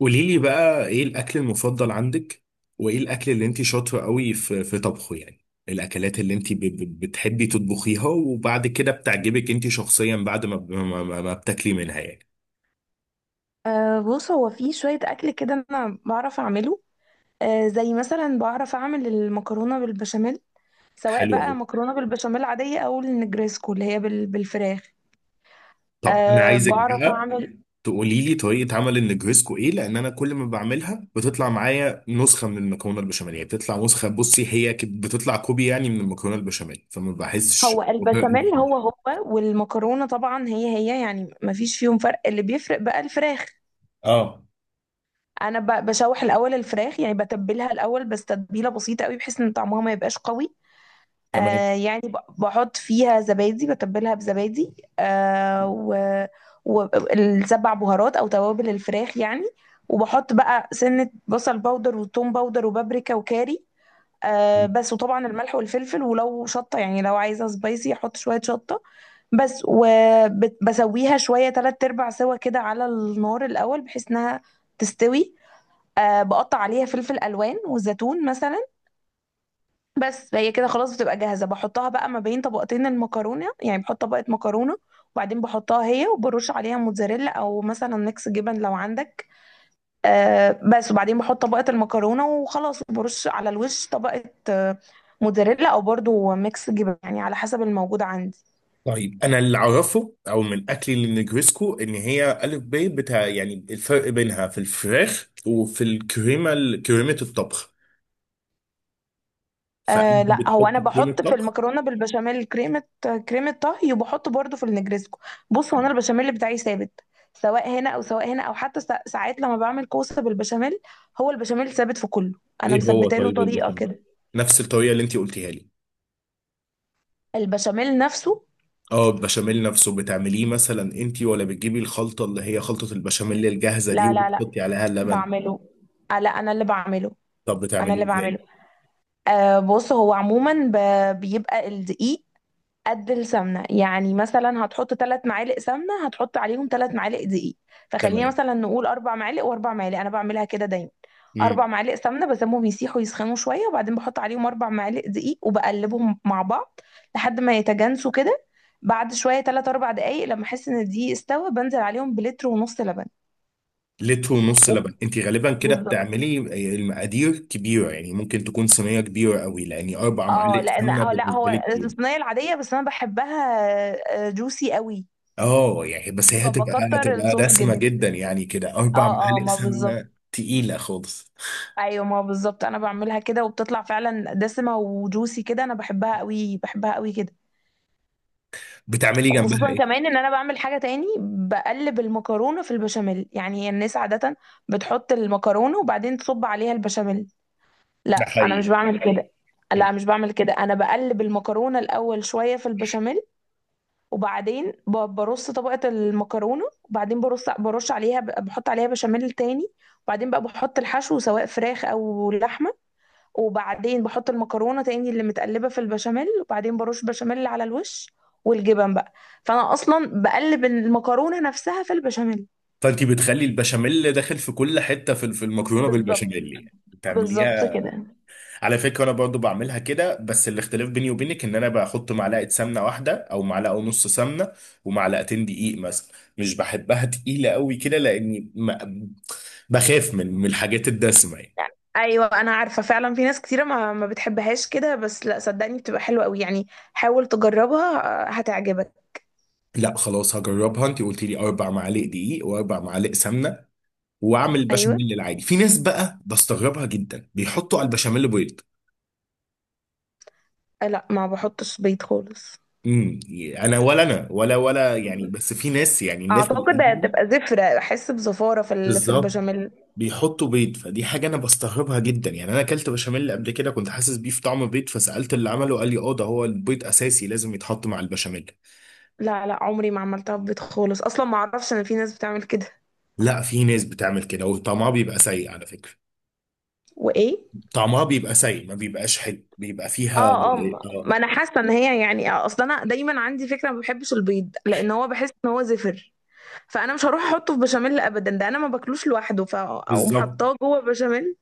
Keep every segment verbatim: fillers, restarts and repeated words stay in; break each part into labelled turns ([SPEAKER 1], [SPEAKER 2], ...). [SPEAKER 1] قولي لي بقى ايه الاكل المفضل عندك؟ وايه الاكل اللي انت شاطره قوي في في طبخه؟ يعني الاكلات اللي انت ب- ب- بتحبي تطبخيها وبعد كده بتعجبك انت شخصيا بعد ما ب- ما, ما ما بتاكلي منها يعني.
[SPEAKER 2] أه بص، هو في شوية أكل كده أنا بعرف أعمله. أه زي مثلا بعرف أعمل المكرونة بالبشاميل، سواء
[SPEAKER 1] حلو
[SPEAKER 2] بقى
[SPEAKER 1] قوي.
[SPEAKER 2] مكرونة بالبشاميل عادية أو النجريسكو اللي هي بال- بالفراخ.
[SPEAKER 1] طب انا
[SPEAKER 2] أه،
[SPEAKER 1] عايزك
[SPEAKER 2] بعرف
[SPEAKER 1] بقى
[SPEAKER 2] أعمل.
[SPEAKER 1] تقولي لي طريقه عمل النجريسكو ايه، لان انا كل ما بعملها بتطلع معايا نسخه من المكرونه البشاميل، يعني، بتطلع نسخه، بصي هي ك- بتطلع كوبي يعني من المكرونه البشاميل فما بحسش.
[SPEAKER 2] هو البشاميل هو هو، والمكرونة طبعا هي هي، يعني مفيش فيهم فرق، اللي بيفرق بقى الفراخ.
[SPEAKER 1] اه،
[SPEAKER 2] أنا ب- بشوح الأول الفراخ، يعني بتبلها الأول بس تتبيلة بسيطة قوي بحيث إن طعمها ما يبقاش قوي.
[SPEAKER 1] تمام.
[SPEAKER 2] آه يعني ب- بحط فيها زبادي، بتبلها بزبادي. آه و والسبع بهارات او توابل الفراخ يعني، وبحط بقى سنة بصل باودر وثوم باودر وبابريكا وكاري. آه بس، وطبعا الملح والفلفل، ولو شطة يعني لو عايزة سبايسي احط شوية شطة. بس، وبسويها شوية تلات ارباع سوا كده على النار الاول بحيث انها تستوي. آه بقطع عليها فلفل الوان وزيتون مثلا. بس، هي كده خلاص بتبقى جاهزة، بحطها بقى ما بين طبقتين المكرونة، يعني بحط طبقة مكرونة وبعدين بحطها هي وبرش عليها موتزاريلا او مثلا ميكس جبن لو عندك. آه بس، وبعدين بحط طبقة المكرونة وخلاص، وبرش على الوش طبقة، آه موتزاريلا او برضو ميكس جبن يعني على حسب الموجود عندي.
[SPEAKER 1] طيب انا اللي اعرفه او من اكلي للنجريسكو ان هي الف ب بتاع، يعني الفرق بينها في الفراخ وفي الكريمه ال- كريمه الطبخ،
[SPEAKER 2] آه
[SPEAKER 1] فانت
[SPEAKER 2] لا، هو انا
[SPEAKER 1] بتحطي كريمه
[SPEAKER 2] بحط في
[SPEAKER 1] طبخ؟
[SPEAKER 2] المكرونه بالبشاميل كريمه كريمه طهي، وبحط برضو في النجريسكو. بص، هو انا
[SPEAKER 1] نعم.
[SPEAKER 2] البشاميل بتاعي ثابت، سواء هنا او سواء هنا او حتى سا- ساعات لما بعمل كوسه بالبشاميل، هو البشاميل ثابت في كله، انا
[SPEAKER 1] ايه هو
[SPEAKER 2] مثبته له
[SPEAKER 1] طيب
[SPEAKER 2] طريقه
[SPEAKER 1] البشاميل
[SPEAKER 2] كده.
[SPEAKER 1] نفس الطريقه اللي انت قلتيها لي؟
[SPEAKER 2] البشاميل نفسه.
[SPEAKER 1] اه البشاميل نفسه بتعمليه مثلا انت، ولا بتجيبي الخلطه اللي هي خلطه البشاميل الجاهزه دي
[SPEAKER 2] لا لا لا،
[SPEAKER 1] وبتحطي عليها اللبن؟
[SPEAKER 2] بعمله. آه، لا، انا اللي بعمله،
[SPEAKER 1] طب
[SPEAKER 2] انا
[SPEAKER 1] بتعمليه
[SPEAKER 2] اللي
[SPEAKER 1] ازاي؟
[SPEAKER 2] بعمله. آه بص، هو عموما ب- بيبقى الدقيق قد السمنه، يعني مثلا هتحط ثلاث معالق سمنه هتحط عليهم ثلاث معالق دقيق، فخلينا
[SPEAKER 1] تمام.
[SPEAKER 2] مثلا نقول اربع معالق واربع معالق، انا بعملها كده دايما. اربع
[SPEAKER 1] مم.
[SPEAKER 2] معالق سمنه بسيبهم يسيحوا يسخنوا شويه، وبعدين بحط عليهم اربع معالق دقيق وبقلبهم مع بعض لحد ما يتجانسوا كده. بعد شويه ثلاث اربع دقائق لما احس ان الدقيق استوى بنزل عليهم بلتر ونص لبن.
[SPEAKER 1] لتر ونص
[SPEAKER 2] و-
[SPEAKER 1] لبن انت غالبا كده
[SPEAKER 2] بالظبط.
[SPEAKER 1] بتعملي؟ المقادير كبيره يعني، ممكن تكون صينيه كبيره قوي، لان اربع
[SPEAKER 2] اه
[SPEAKER 1] معالق
[SPEAKER 2] لان
[SPEAKER 1] سمنه
[SPEAKER 2] اه لا،
[SPEAKER 1] بالنسبه لي
[SPEAKER 2] هو
[SPEAKER 1] كتير.
[SPEAKER 2] الصينيه العاديه، بس انا بحبها جوسي قوي،
[SPEAKER 1] اه يعني، بس هي هتبقى،
[SPEAKER 2] فبكتر
[SPEAKER 1] هتبقى
[SPEAKER 2] الصوص
[SPEAKER 1] دسمه
[SPEAKER 2] جدا.
[SPEAKER 1] جدا يعني كده، اربع
[SPEAKER 2] اه اه،
[SPEAKER 1] معالق
[SPEAKER 2] ما بالظبط.
[SPEAKER 1] سمنه تقيله خالص.
[SPEAKER 2] ايوه، ما هو بالظبط، انا بعملها كده وبتطلع فعلا دسمه وجوسي كده، انا بحبها قوي بحبها قوي كده.
[SPEAKER 1] بتعملي جنبها
[SPEAKER 2] خصوصا
[SPEAKER 1] ايه؟
[SPEAKER 2] كمان ان انا بعمل حاجه تاني، بقلب المكرونه في البشاميل. يعني الناس عاده بتحط المكرونه وبعدين تصب عليها البشاميل، لا
[SPEAKER 1] ده
[SPEAKER 2] انا مش
[SPEAKER 1] حقيقي.
[SPEAKER 2] بعمل كده. لا، مش بعمل كده، انا بقلب المكرونه الاول شويه في البشاميل، وبعدين ب- برص طبقه المكرونه، وبعدين برص برش عليها بحط عليها بشاميل تاني، وبعدين بقى بحط الحشو سواء فراخ او لحمه، وبعدين بحط المكرونه تاني اللي متقلبه في البشاميل، وبعدين برش بشاميل على الوش والجبن بقى. فانا اصلا بقلب المكرونه نفسها في البشاميل.
[SPEAKER 1] فانت بتخلي البشاميل داخل في كل حته في في المكرونه
[SPEAKER 2] بالظبط،
[SPEAKER 1] بالبشاميل، يعني
[SPEAKER 2] بالظبط
[SPEAKER 1] بتعمليها.
[SPEAKER 2] كده.
[SPEAKER 1] على فكرة أنا برضو بعملها كده، بس الاختلاف بيني وبينك إن أنا بحط معلقة سمنة واحدة أو معلقة ونص سمنة، ومعلقتين دقيق مثلا. مش بحبها تقيلة قوي كده لأني ما بخاف من من الحاجات الدسمة يعني.
[SPEAKER 2] ايوه، انا عارفه فعلا في ناس كتيره ما ما بتحبهاش كده، بس لا صدقني بتبقى حلوه قوي يعني، حاول تجربها. آه، هتعجبك.
[SPEAKER 1] لا خلاص هجربها، أنت قلت لي أربع معالق دقيق وأربع معالق سمنة، وأعمل
[SPEAKER 2] ايوه.
[SPEAKER 1] بشاميل العادي. في ناس بقى بستغربها جدا بيحطوا على البشاميل بيض.
[SPEAKER 2] آه، لا، ما بحطش بيض خالص.
[SPEAKER 1] امم، انا ولا، انا ولا ولا يعني، بس في ناس، يعني الناس
[SPEAKER 2] اعتقد
[SPEAKER 1] القديمه
[SPEAKER 2] هتبقى زفره، احس بزفاره في ال- في
[SPEAKER 1] بالظبط
[SPEAKER 2] البشاميل.
[SPEAKER 1] بيحطوا بيض، فدي حاجة أنا بستغربها جدا. يعني أنا أكلت بشاميل قبل كده كنت حاسس بيه في طعم بيض، فسألت اللي عمله قال لي أه ده هو البيض أساسي لازم يتحط مع البشاميل.
[SPEAKER 2] لا لا، عمري ما عملتها ببيض خالص، اصلا ما اعرفش ان في ناس بتعمل كده.
[SPEAKER 1] لا في ناس بتعمل كده وطعمها بيبقى سيء على فكرة.
[SPEAKER 2] وايه.
[SPEAKER 1] طعمها بيبقى سيء ما بيبقاش حلو، بيبقى فيها
[SPEAKER 2] اه اه، ما ما
[SPEAKER 1] آه،
[SPEAKER 2] انا حاسه ان هي، يعني اصل انا دايما عندي فكره ما بحبش البيض لان هو بحس ان هو زفر، فانا مش هروح احطه في بشاميل ابدا، ده انا ما باكلوش لوحده فاقوم
[SPEAKER 1] بالظبط.
[SPEAKER 2] حطاه جوه بشاميل.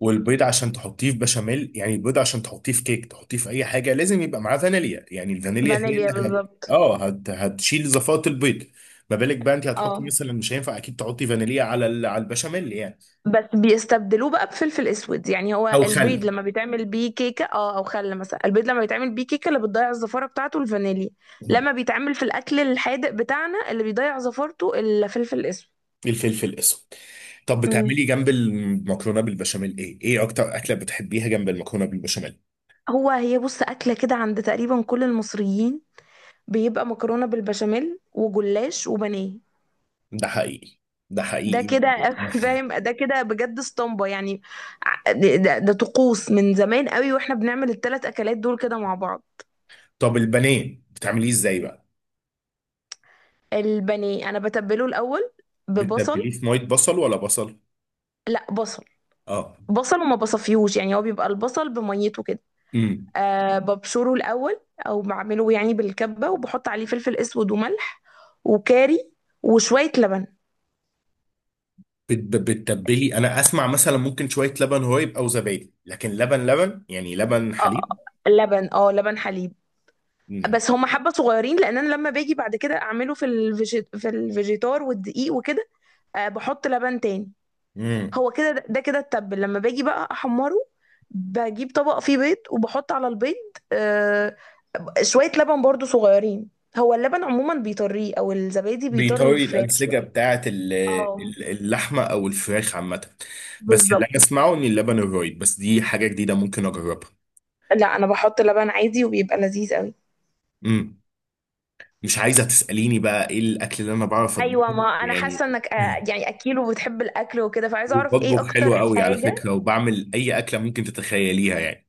[SPEAKER 1] والبيض عشان تحطيه في بشاميل، يعني البيض عشان تحطيه في كيك، تحطيه في أي حاجة لازم يبقى معاه فانيليا، يعني الفانيليا هي
[SPEAKER 2] فانيليا
[SPEAKER 1] اللي هت...
[SPEAKER 2] بالظبط.
[SPEAKER 1] أه هت... هتشيل زفاة البيض. ما بالك بقى أنت هتحطي
[SPEAKER 2] اه
[SPEAKER 1] مثلا، مش هينفع أكيد تحطي فانيليا على ال... على البشاميل يعني.
[SPEAKER 2] بس بيستبدلوه بقى بفلفل اسود، يعني هو
[SPEAKER 1] او خل.
[SPEAKER 2] البيض لما بيتعمل بيه كيكه، اه، او خل مثلا، البيض لما بيتعمل بيه كيكه اللي بتضيع الزفاره بتاعته الفانيليا. لما بيتعمل في الاكل الحادق بتاعنا اللي بيضيع زفارته الفلفل
[SPEAKER 1] الفلفل الاسود. طب
[SPEAKER 2] الاسود.
[SPEAKER 1] بتعملي جنب المكرونه بالبشاميل ايه؟ ايه اكتر اكله بتحبيها جنب المكرونه بالبشاميل؟
[SPEAKER 2] هو هي بص أكلة كده عند تقريبا كل المصريين، بيبقى مكرونة بالبشاميل وجلاش وبانيه.
[SPEAKER 1] ده حقيقي. ده
[SPEAKER 2] ده
[SPEAKER 1] حقيقي.
[SPEAKER 2] كده فاهم، ده كده بجد اسطمبة يعني. ع- ده, ده ده طقوس من زمان قوي، واحنا بنعمل التلات أكلات دول كده مع بعض.
[SPEAKER 1] طب البانيه بتعمليه ازاي بقى؟
[SPEAKER 2] البانيه أنا بتبله الأول ببصل.
[SPEAKER 1] بتتبليه في ميه بصل ولا بصل؟
[SPEAKER 2] لا، بصل.
[SPEAKER 1] اه.
[SPEAKER 2] بصل وما بصفيهوش، يعني هو بيبقى البصل بميته كده.
[SPEAKER 1] امم.
[SPEAKER 2] أه ببشره الأول، أو بعمله يعني بالكبة، وبحط عليه فلفل أسود وملح وكاري وشوية لبن.
[SPEAKER 1] بت- بتتبلي، انا اسمع مثلا ممكن شويه لبن رايب او زبادي، لكن لبن لبن، يعني لبن
[SPEAKER 2] اه.
[SPEAKER 1] حليب؟
[SPEAKER 2] آه، لبن اه لبن حليب. بس هم حبة صغيرين لان انا لما باجي بعد كده اعمله في الفيجي... في الفيجيتار والدقيق وكده. آه بحط لبن تاني.
[SPEAKER 1] امم.
[SPEAKER 2] هو كده، ده ده كده التبل، لما باجي بقى احمره، بجيب طبق فيه بيض وبحط على البيض آه شوية لبن برضو صغيرين. هو اللبن عموما بيطريه او الزبادي بيطري
[SPEAKER 1] بيطري
[SPEAKER 2] الفراخ
[SPEAKER 1] الأنسجة
[SPEAKER 2] شوية.
[SPEAKER 1] بتاعة ال-
[SPEAKER 2] اه،
[SPEAKER 1] ال- اللحمة أو الفراخ عامة. بس اللي
[SPEAKER 2] بالظبط.
[SPEAKER 1] أنا أسمعه إن اللبن الرايب، بس دي حاجة جديدة ممكن أجربها.
[SPEAKER 2] لا انا بحط لبن عادي وبيبقى لذيذ قوي.
[SPEAKER 1] امم. مش عايزة تسأليني بقى إيه الأكل اللي أنا بعرف
[SPEAKER 2] ايوه،
[SPEAKER 1] أطبخه
[SPEAKER 2] ما انا
[SPEAKER 1] يعني؟
[SPEAKER 2] حاسه انك آه، يعني اكيل وبتحب الاكل وكده، فعايزه اعرف ايه
[SPEAKER 1] بطبخ حلو
[SPEAKER 2] اكتر
[SPEAKER 1] قوي على
[SPEAKER 2] حاجه.
[SPEAKER 1] فكرة، وبعمل أي أكلة ممكن تتخيليها يعني.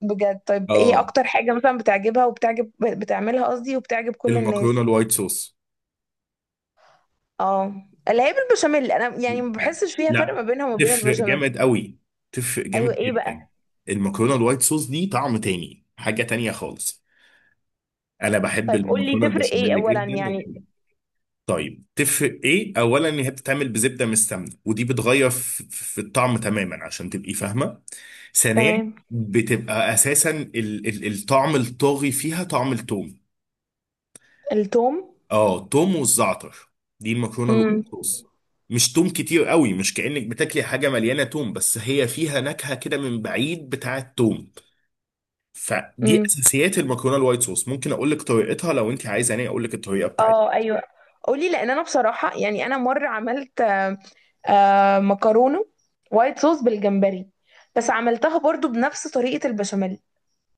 [SPEAKER 2] بجد؟ طيب ايه
[SPEAKER 1] آه،
[SPEAKER 2] اكتر حاجه مثلا بتعجبها وبتعجب بتعملها قصدي، وبتعجب كل
[SPEAKER 1] المكرونة
[SPEAKER 2] الناس.
[SPEAKER 1] الوايت صوص.
[SPEAKER 2] اه، اللي هي بالبشاميل. انا يعني ما
[SPEAKER 1] لا.
[SPEAKER 2] بحسش فيها فرق ما
[SPEAKER 1] لا.
[SPEAKER 2] بينها وما بين
[SPEAKER 1] تفرق
[SPEAKER 2] البشاميل.
[SPEAKER 1] جامد قوي. تفرق
[SPEAKER 2] ايوه،
[SPEAKER 1] جامد
[SPEAKER 2] ايه
[SPEAKER 1] جدا.
[SPEAKER 2] بقى؟
[SPEAKER 1] المكرونة الوايت صوص دي طعم تاني، حاجة تانية خالص. انا بحب
[SPEAKER 2] طيب قول لي
[SPEAKER 1] المكرونه
[SPEAKER 2] تفرق ايه
[SPEAKER 1] البشاميل
[SPEAKER 2] اولا
[SPEAKER 1] جدا.
[SPEAKER 2] يعني.
[SPEAKER 1] طيب تفرق ايه اولا؟ ان هي بتتعمل بزبده مش سمنه، ودي بتغير في, في الطعم تماما عشان تبقي فاهمه. ثانيا
[SPEAKER 2] تمام.
[SPEAKER 1] بتبقى اساسا ال ال الطعم الطاغي فيها طعم التوم.
[SPEAKER 2] التوم.
[SPEAKER 1] اه توم والزعتر. دي المكرونه الوايت
[SPEAKER 2] امم.
[SPEAKER 1] صوص. مش توم كتير قوي، مش كأنك بتاكلي حاجه مليانه توم، بس هي فيها نكهه كده من بعيد بتاعه توم. فدي
[SPEAKER 2] امم.
[SPEAKER 1] اساسيات المكرونه الوايت صوص. ممكن اقول لك طريقتها لو انت عايزه، انا اقول لك الطريقه بتاعتها.
[SPEAKER 2] اه ايوه، قولي، لان انا بصراحه يعني انا مره عملت آه مكرونه وايت صوص بالجمبري، بس عملتها برضو بنفس طريقه البشاميل.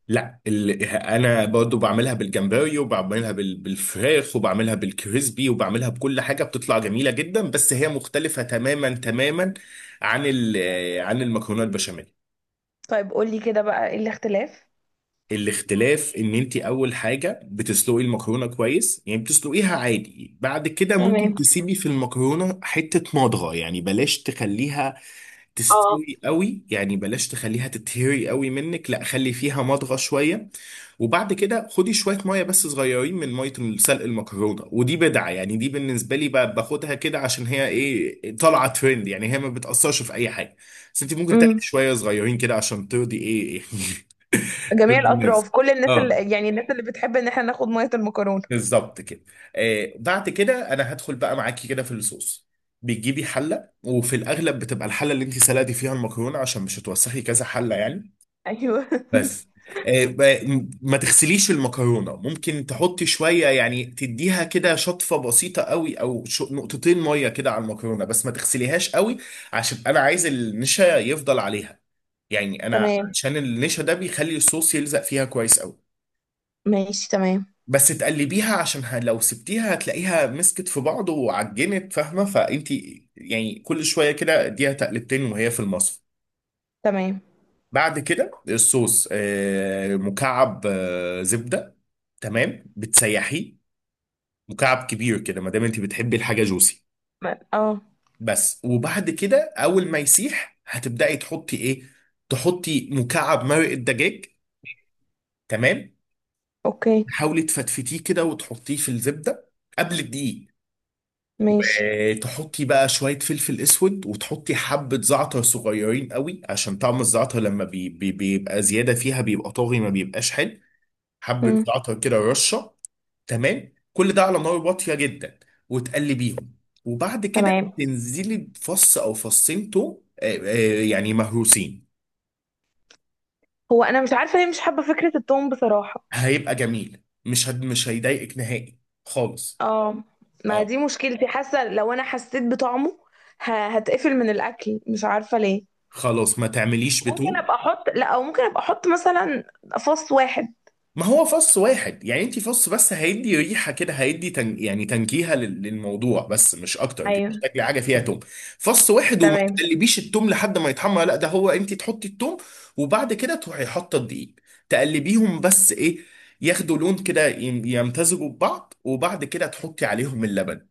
[SPEAKER 1] لا ال... انا برضو بعملها بالجمبري وبعملها بال... بالفراخ وبعملها بالكريسبي وبعملها بكل حاجه، بتطلع جميله جدا، بس هي مختلفه تماما تماما عن ال... عن المكرونه البشاميل.
[SPEAKER 2] طيب قولي كده بقى ايه الاختلاف؟
[SPEAKER 1] الاختلاف ان انت اول حاجه بتسلقي المكرونه كويس، يعني بتسلقيها عادي، بعد كده ممكن
[SPEAKER 2] تمام.
[SPEAKER 1] تسيبي في المكرونه حته مضغه، يعني بلاش تخليها
[SPEAKER 2] اه.
[SPEAKER 1] تستوي قوي، يعني بلاش تخليها تتهري قوي منك، لا خلي فيها مضغه شويه. وبعد كده خدي شويه ميه، بس صغيرين، من ميه سلق المكرونه، ودي بدعه يعني، دي بالنسبه لي ب- باخدها كده عشان هي ايه، طالعه ترند يعني، هي ما بتاثرش في اي حاجه، بس انت ممكن تاخدي
[SPEAKER 2] امم.
[SPEAKER 1] شويه صغيرين كده عشان ترضي ايه،
[SPEAKER 2] جميع
[SPEAKER 1] ترضي الناس.
[SPEAKER 2] الاطراف، كل الناس
[SPEAKER 1] اه
[SPEAKER 2] اللي، يعني الناس اللي بتحب ان احنا ناخد ميه المكرونه.
[SPEAKER 1] بالظبط كده. آه بعد كده انا هدخل بقى معاكي كده في الصوص. بتجيبي حله، وفي الاغلب بتبقى الحله اللي انت سلقتي فيها المكرونه عشان مش هتوسخي كذا حله يعني.
[SPEAKER 2] ايوه.
[SPEAKER 1] بس آه، ب- ما تغسليش المكرونه، ممكن تحطي شويه، يعني تديها كده شطفه بسيطه قوي او شو- نقطتين ميه كده على المكرونه بس ما تغسليهاش قوي، عشان انا عايز النشا يفضل عليها. يعني انا
[SPEAKER 2] تمام.
[SPEAKER 1] عشان النشا ده بيخلي الصوص يلزق فيها كويس قوي.
[SPEAKER 2] ماشي، تمام.
[SPEAKER 1] بس تقلبيها عشان ه- لو سبتيها هتلاقيها مسكت في بعض وعجنت فاهمه، فانت يعني كل شويه كده اديها تقلبتين وهي في المصفى.
[SPEAKER 2] تمام.
[SPEAKER 1] بعد كده الصوص آه، مكعب آه، زبدة، تمام، بتسيحيه، مكعب كبير كده ما دام انت بتحبي الحاجة جوسي.
[SPEAKER 2] ما- اه
[SPEAKER 1] بس وبعد كده اول ما يسيح هتبدأي تحطي ايه، تحطي مكعب مرق الدجاج. تمام.
[SPEAKER 2] اوكي،
[SPEAKER 1] تحاولي تفتفتيه كده وتحطيه في الزبدة قبل الدقيق.
[SPEAKER 2] ماشي.
[SPEAKER 1] آه، تحطي بقى شوية فلفل اسود، وتحطي حبة زعتر صغيرين قوي، عشان طعم الزعتر لما بي بي بيبقى زيادة فيها بيبقى طاغي ما بيبقاش حلو. حبة
[SPEAKER 2] امم.
[SPEAKER 1] زعتر كده، رشة. تمام. كل ده على نار واطية جدا، وتقلبيهم. وبعد كده
[SPEAKER 2] تمام.
[SPEAKER 1] تنزلي بفص أو فصين توم آه، آه، يعني مهروسين.
[SPEAKER 2] هو انا مش عارفه ليه مش حابه فكره التوم بصراحه.
[SPEAKER 1] هيبقى جميل، مش هد... مش هيضايقك نهائي خالص.
[SPEAKER 2] اه، ما
[SPEAKER 1] اه
[SPEAKER 2] دي مشكلتي، حاسه لو انا حسيت بطعمه ه- هتقفل من الاكل مش عارفه ليه.
[SPEAKER 1] خلاص ما تعمليش
[SPEAKER 2] ممكن
[SPEAKER 1] بتوم.
[SPEAKER 2] ابقى احط لا او ممكن ابقى احط مثلا فص واحد.
[SPEAKER 1] ما هو فص واحد، يعني انت فص بس هيدي ريحه كده، هيدي تن... يعني تنكيهه لل- للموضوع بس مش اكتر، انت
[SPEAKER 2] ايوه.
[SPEAKER 1] مش تاكلي حاجه فيها توم. فص واحد، وما
[SPEAKER 2] تمام.
[SPEAKER 1] تقلبيش التوم لحد ما يتحمر، لا ده هو انت تحطي التوم وبعد كده تروحي حاطه الدقيق، تقلبيهم بس ايه، ياخدوا لون كده يم- يمتزجوا ببعض، وبعد كده تحطي عليهم اللبن.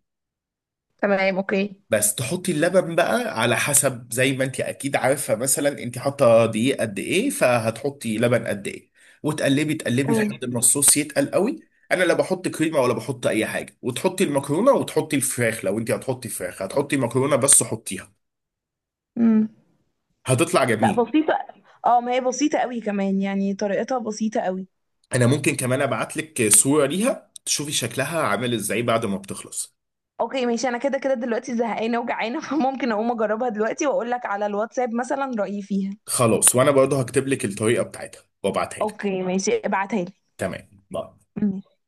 [SPEAKER 2] تمام. اوكي.
[SPEAKER 1] بس تحطي اللبن بقى على حسب، زي ما انت اكيد عارفه، مثلا انت حاطه دقيق قد ايه فهتحطي لبن قد ايه. وتقلبي تقلبي
[SPEAKER 2] تمام.
[SPEAKER 1] لحد ما الصوص يتقل قوي. انا لا بحط كريمه ولا بحط اي حاجه، وتحطي المكرونه وتحطي الفراخ لو انت هتحطي فراخ، هتحطي مكرونه بس حطيها،
[SPEAKER 2] امم.
[SPEAKER 1] هتطلع
[SPEAKER 2] لا،
[SPEAKER 1] جميل.
[SPEAKER 2] بسيطة. اه، ما هي بسيطة قوي كمان، يعني طريقتها بسيطة قوي.
[SPEAKER 1] انا ممكن كمان ابعت لك صوره ليها تشوفي شكلها عامل ازاي بعد ما بتخلص.
[SPEAKER 2] اوكي ماشي، انا كده كده دلوقتي زهقانة وجعانة فممكن اقوم اجربها دلوقتي واقول لك على الواتساب مثلا رأيي فيها.
[SPEAKER 1] خلاص وانا برضه هكتب لك الطريقه بتاعتها وابعتها لك.
[SPEAKER 2] اوكي ماشي، ابعتها
[SPEAKER 1] تمام. باي.
[SPEAKER 2] لي.